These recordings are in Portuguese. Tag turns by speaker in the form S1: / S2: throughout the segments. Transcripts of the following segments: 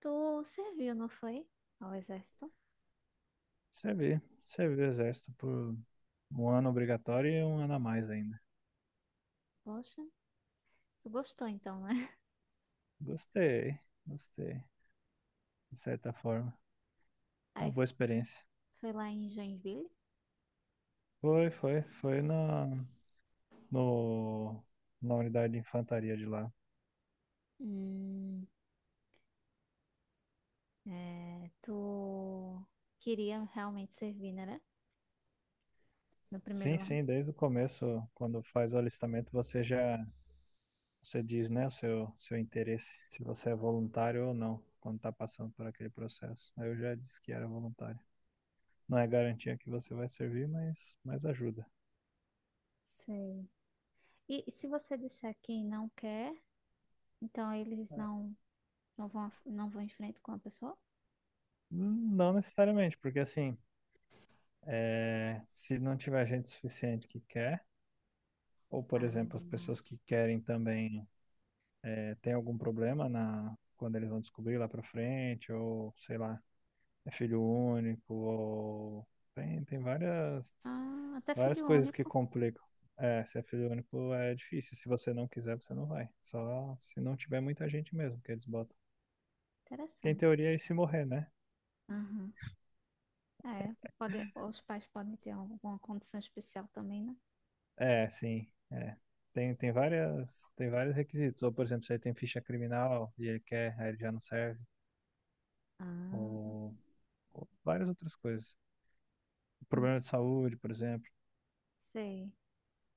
S1: Tu serviu, não foi? Ao exército?
S2: Servi o exército por um ano obrigatório e um ano a mais ainda.
S1: Poxa, tu gostou então, né?
S2: Gostei, gostei, de certa forma. Uma
S1: Aí
S2: boa experiência.
S1: foi lá em Joinville.
S2: Foi na, no, na unidade de infantaria de lá.
S1: Hum, é, tu queria realmente servir, né? No primeiro
S2: Sim,
S1: ano.
S2: sim, desde o começo, quando faz o alistamento, você diz, né, o seu interesse, se você é voluntário ou não, quando tá passando por aquele processo. Aí eu já disse que era voluntário. Não é garantia que você vai servir, mas ajuda.
S1: Sei. E se você disser que não quer, então eles não, não vão, não vão em frente com a pessoa?
S2: Não necessariamente, porque assim, se não tiver gente suficiente que quer, ou por exemplo, as
S1: Ah,
S2: pessoas que querem também têm algum problema quando eles vão descobrir lá pra frente, ou sei lá, é filho único, ou tem várias,
S1: ah, até
S2: várias
S1: filho
S2: coisas que
S1: único.
S2: complicam. É, se é filho único é difícil, se você não quiser, você não vai. Só se não tiver muita gente mesmo que eles botam. Que em
S1: Interessante.
S2: teoria é se morrer, né?
S1: Aham. É, pode, os pais podem ter alguma condição especial também, né?
S2: É, sim. É. Tem vários requisitos. Ou, por exemplo, se ele tem ficha criminal e ele quer, aí ele já não serve.
S1: Ah,
S2: Ou, ou várias outras coisas. Problema de saúde, por exemplo.
S1: sei.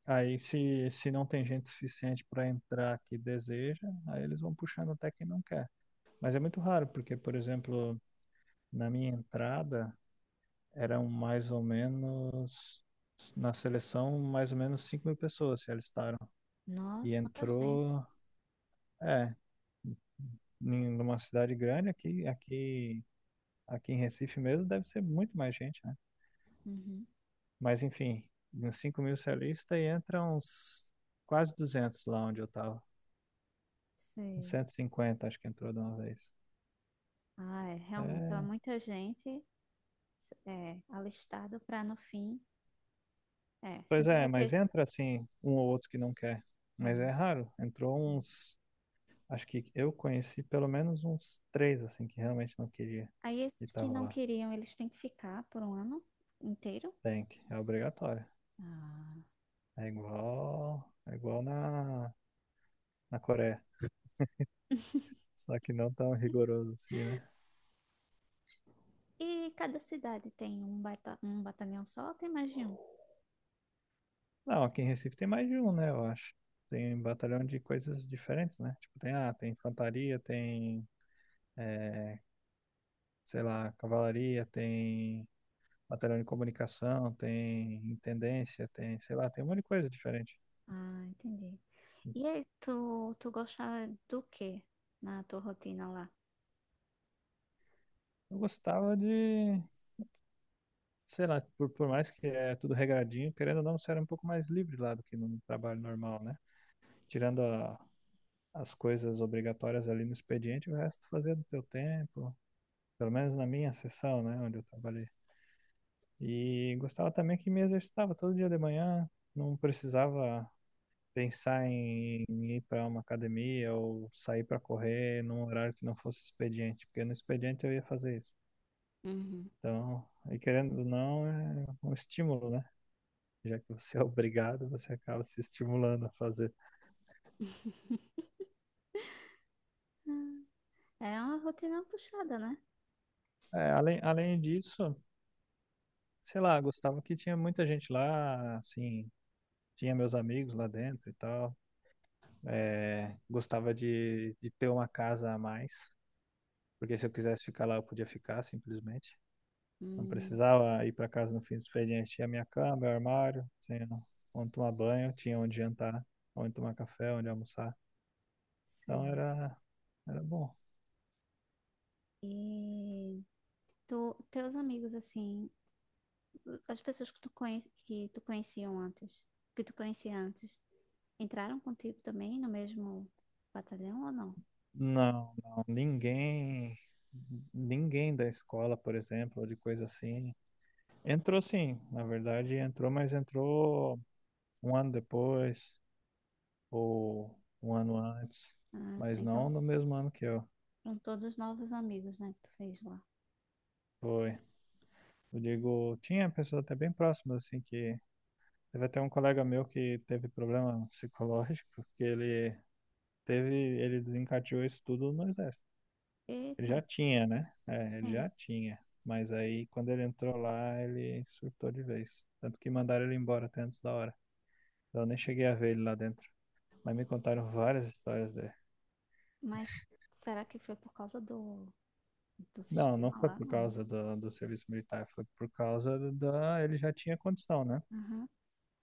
S2: Aí, se não tem gente suficiente para entrar que deseja, aí eles vão puxando até quem não quer. Mas é muito raro, porque, por exemplo, na minha entrada, eram mais ou menos, na seleção, mais ou menos 5.000 pessoas se alistaram. E
S1: Nossa, quanta gente.
S2: entrou, é, numa cidade grande aqui em Recife mesmo, deve ser muito mais gente, né?
S1: Uhum.
S2: Mas enfim, uns 5.000 celistas e entra uns quase 200 lá onde eu tava. Uns
S1: Sei.
S2: 150 acho que entrou de uma vez.
S1: Ah, é, realmente. Então, é
S2: É,
S1: muita gente é, alistado para no fim. É,
S2: pois
S1: sempre
S2: é,
S1: vai
S2: mas
S1: ter.
S2: entra assim um ou outro que não quer.
S1: Ah,
S2: Mas é raro.
S1: sim.
S2: Acho que eu conheci pelo menos uns três assim que realmente não queria
S1: Aí,
S2: e
S1: esses que
S2: tava
S1: não
S2: lá.
S1: queriam, eles têm que ficar por um ano inteiro.
S2: É obrigatório.
S1: Ah.
S2: É igual na Coreia. Só que não tão rigoroso assim, né?
S1: E cada cidade tem um, bata um batalhão só ou tem mais de um?
S2: Não, aqui em Recife tem mais de um, né? Eu acho. Tem um batalhão de coisas diferentes, né? Tipo, tem infantaria, tem, eh, sei lá, cavalaria, tem batalhão de comunicação, tem intendência, tem, sei lá, tem um monte de coisa diferente.
S1: Ah, entendi. E aí, tu gostava do quê na tua rotina lá?
S2: Eu gostava de, sei lá, por mais que é tudo regradinho, querendo ou não, você era um pouco mais livre lá do que num trabalho normal, né? Tirando as coisas obrigatórias ali no expediente, o resto fazia do teu tempo, pelo menos na minha seção, né, onde eu trabalhei. E gostava também que me exercitava todo dia de manhã, não precisava pensar em ir para uma academia ou sair para correr num horário que não fosse expediente, porque no expediente eu ia fazer isso.
S1: Uhum.
S2: Então, e querendo ou não, é um estímulo, né? Já que você é obrigado, você acaba se estimulando a fazer.
S1: Ah, é uma rotina puxada, né?
S2: É, além disso, sei lá, gostava que tinha muita gente lá, assim, tinha meus amigos lá dentro e tal. É, gostava de ter uma casa a mais, porque se eu quisesse ficar lá, eu podia ficar simplesmente. Não
S1: Hum,
S2: precisava ir para casa no fim do expediente. Tinha minha cama, meu armário, tinha onde tomar banho, tinha onde jantar, onde tomar café, onde almoçar. Então
S1: sei.
S2: era bom.
S1: E tu, teus amigos, assim, as pessoas que que que tu conhecia antes, entraram contigo também no mesmo batalhão ou não?
S2: Não, não, ninguém da escola, por exemplo, ou de coisa assim. Entrou sim, na verdade entrou, mas entrou um ano depois, ou um ano antes,
S1: Ah,
S2: mas
S1: tá.
S2: não
S1: Então,
S2: no mesmo ano que eu.
S1: são todos novos amigos, né, que tu fez lá.
S2: Foi. Eu digo, tinha pessoas até bem próximas, assim, que teve até um colega meu que teve problema psicológico, porque teve, ele desencadeou isso tudo no exército. Ele
S1: Eita,
S2: já tinha, né? É, ele
S1: sim.
S2: já tinha. Mas aí, quando ele entrou lá, ele surtou de vez. Tanto que mandaram ele embora até antes da hora. Eu nem cheguei a ver ele lá dentro. Mas me contaram várias histórias dele.
S1: Mas será que foi por causa do
S2: Não, não
S1: sistema
S2: foi
S1: lá?
S2: por
S1: Não.
S2: causa do serviço militar, foi por causa da. Ele já tinha condição, né?
S1: Aham,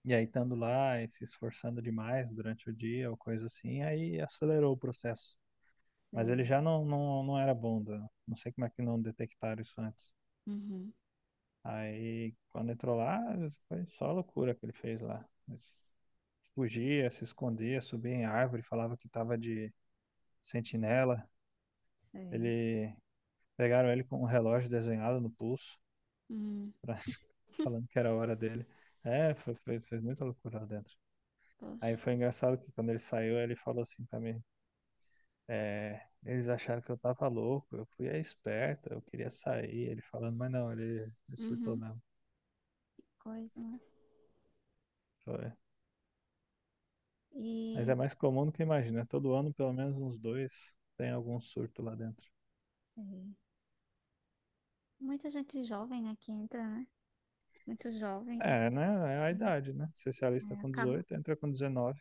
S2: E aí, estando lá e se esforçando demais durante o dia ou coisa assim, aí acelerou o processo. Mas
S1: sei.
S2: ele já não era bom, não sei como é que não detectaram isso antes.
S1: Uhum,
S2: Aí, quando entrou lá, foi só loucura que ele fez lá. Ele fugia, se escondia, subia em árvore, falava que estava de sentinela.
S1: sei.
S2: Ele Pegaram ele com um relógio desenhado no pulso.
S1: Hum,
S2: pra- Falando que era a hora dele. É, fez muita loucura lá dentro. Aí
S1: poxa.
S2: foi engraçado que quando ele saiu, ele falou assim pra mim, eles acharam que eu tava louco, eu fui a esperta, eu queria sair, ele falando, mas não, ele surtou
S1: Uhum,
S2: mesmo.
S1: coisa, né?
S2: Foi. Mas
S1: E
S2: é mais comum do que imagina, né? Todo ano pelo menos uns dois tem algum surto lá dentro.
S1: sei. Muita gente jovem aqui entra, né? Muito jovem,
S2: É, né? É a idade, né? Você se alista
S1: é,
S2: com 18, entra com 19.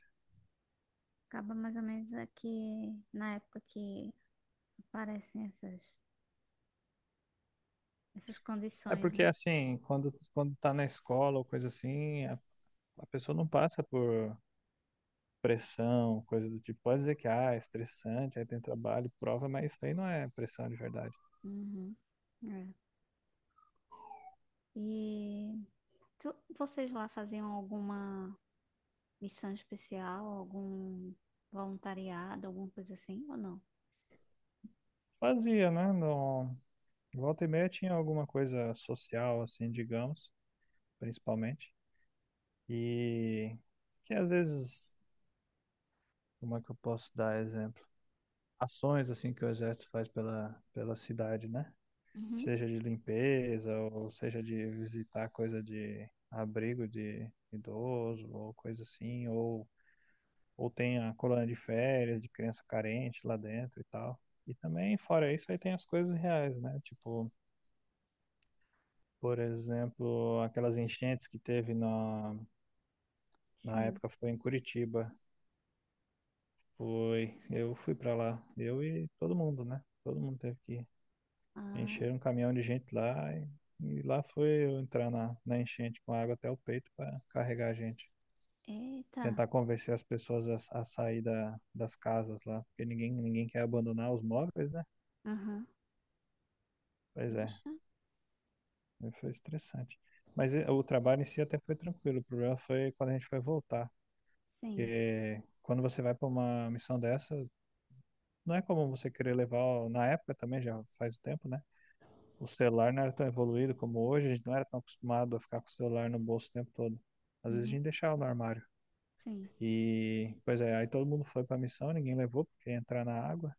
S1: acaba mais ou menos aqui na época que aparecem essas
S2: É
S1: condições,
S2: porque,
S1: né?
S2: assim, quando tá na escola ou coisa assim, a pessoa não passa por pressão, coisa do tipo. Pode dizer que ah, é estressante, aí tem trabalho, prova, mas isso aí não é pressão de verdade.
S1: Uhum. É. E vocês lá faziam alguma missão especial, algum voluntariado, alguma coisa assim, ou não?
S2: Fazia, né? No... Volta e meia tinha alguma coisa social, assim, digamos, principalmente. E que às vezes, como é que eu posso dar exemplo? Ações, assim, que o exército faz pela cidade, né?
S1: Uhum.
S2: Seja de limpeza, ou seja de visitar coisa de abrigo de idoso, ou coisa assim, ou tem a colônia de férias de criança carente lá dentro e tal. E também, fora isso, aí tem as coisas reais, né? Tipo, por exemplo, aquelas enchentes que teve na
S1: Sim.
S2: época foi em Curitiba. Foi, eu fui pra lá, eu e todo mundo, né? Todo mundo teve que
S1: Ah,
S2: encher um caminhão de gente lá e lá foi eu entrar na enchente com água até o peito para carregar a gente.
S1: eita.
S2: Tentar convencer as pessoas a sair das casas lá, porque ninguém quer abandonar os móveis, né?
S1: Aham.
S2: Pois é.
S1: Poxa.
S2: Aí foi estressante. Mas o trabalho em si até foi tranquilo. O problema foi quando a gente foi voltar.
S1: Sim,
S2: E quando você vai para uma missão dessa, não é como você querer levar. Na época também, já faz o tempo, né? O celular não era tão evoluído como hoje. A gente não era tão acostumado a ficar com o celular no bolso o tempo todo. Às vezes a
S1: Uhum.
S2: gente deixava no armário.
S1: Sim.
S2: E, pois é, aí todo mundo foi para a missão, ninguém levou, porque ia entrar na água.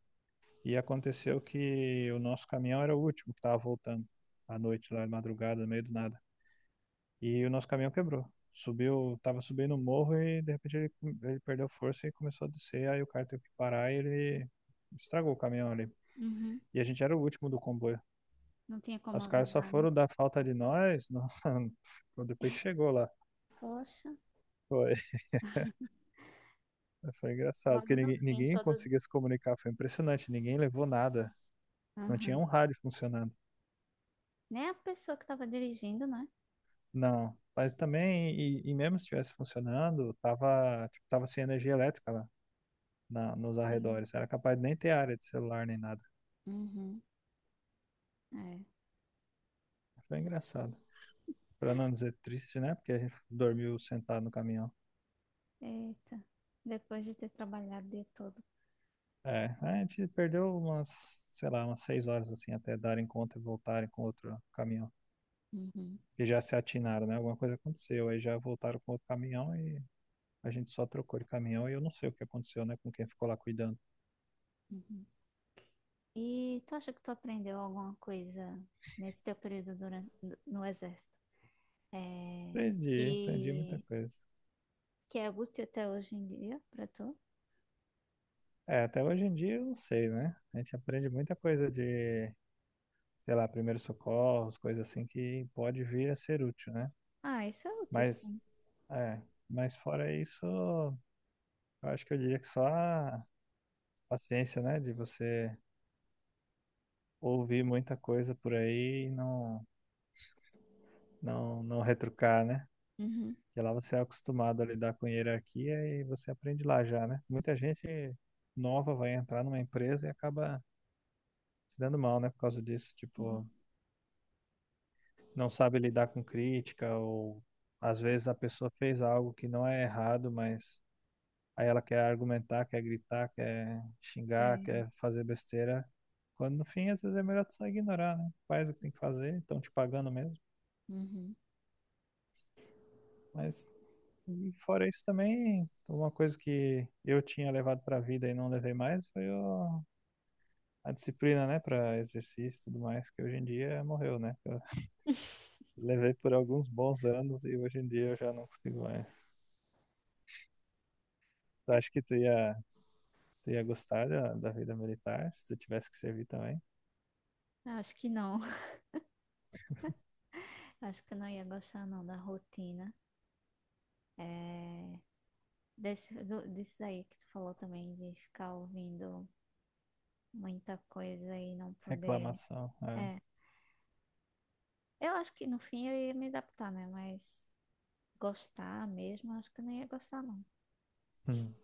S2: E aconteceu que o nosso caminhão era o último que estava voltando à noite, lá de madrugada, no meio do nada. E o nosso caminhão quebrou. Subiu, tava subindo o morro e de repente ele perdeu força e começou a descer. Aí o cara teve que parar e ele estragou o caminhão ali.
S1: Uhum.
S2: E a gente era o último do comboio.
S1: Não tinha como
S2: Os caras só
S1: avisar, né?
S2: foram dar falta de nós depois que chegou lá.
S1: Poxa.
S2: Foi, foi engraçado,
S1: Logo
S2: porque
S1: no
S2: ninguém,
S1: fim,
S2: ninguém
S1: todos.
S2: conseguia se comunicar. Foi impressionante, ninguém levou nada. Não tinha
S1: Aham.
S2: um rádio funcionando.
S1: Nem a pessoa que estava dirigindo, né?
S2: Não. Mas também, e mesmo se estivesse funcionando, tava, tipo, tava sem energia elétrica lá nos
S1: Sim.
S2: arredores. Era capaz de nem ter área de celular nem nada.
S1: Uhum. É.
S2: Foi engraçado. Pra não dizer triste, né? Porque a gente dormiu sentado no caminhão.
S1: Eita, depois de ter trabalhado o dia todo.
S2: É, a gente perdeu umas, sei lá, umas 6 horas assim, até darem conta e voltarem com outro caminhão.
S1: Uhum.
S2: Que já se atinaram, né? Alguma coisa aconteceu. Aí já voltaram com outro caminhão e a gente só trocou de caminhão e eu não sei o que aconteceu, né? Com quem ficou lá cuidando.
S1: Uhum. E tu acha que tu aprendeu alguma coisa nesse teu período no exército? É,
S2: Aprendi, aprendi muita
S1: que,
S2: coisa.
S1: que é útil até hoje em dia pra tu?
S2: É, até hoje em dia eu não sei, né? A gente aprende muita coisa de, sei lá, primeiros socorros, coisas assim que pode vir a ser útil, né?
S1: Ah, isso é útil,
S2: Mas
S1: sim.
S2: É, mas fora isso, eu acho que eu diria que só a paciência, né, de você ouvir muita coisa por aí e não retrucar, né?
S1: Uhum.
S2: Porque lá você é acostumado a lidar com hierarquia e você aprende lá já, né? Muita gente nova vai entrar numa empresa e acaba se dando mal, né, por causa disso,
S1: Uhum.
S2: tipo, não sabe lidar com crítica ou às vezes a pessoa fez algo que não é errado, mas aí ela quer argumentar, quer gritar, quer xingar,
S1: Sim.
S2: quer fazer besteira. Quando no fim, às vezes é melhor tu só ignorar, né? Faz o que tem que fazer, estão te pagando mesmo.
S1: Uhum.
S2: Mas e fora isso também, uma coisa que eu tinha levado pra vida e não levei mais foi a disciplina, né, pra exercício e tudo mais, que hoje em dia morreu, né? Eu levei por alguns bons anos e hoje em dia eu já não consigo mais. Tu acha que tu ia gostar da vida militar se tu tivesse que servir também?
S1: Eu acho que não. Acho que eu não ia gostar não da rotina. É, disso aí que tu falou também, de ficar ouvindo muita coisa e não poder.
S2: Reclamação. É.
S1: É, eu acho que no fim eu ia me adaptar, né? Mas gostar mesmo, acho que eu não ia gostar, não.
S2: Hum.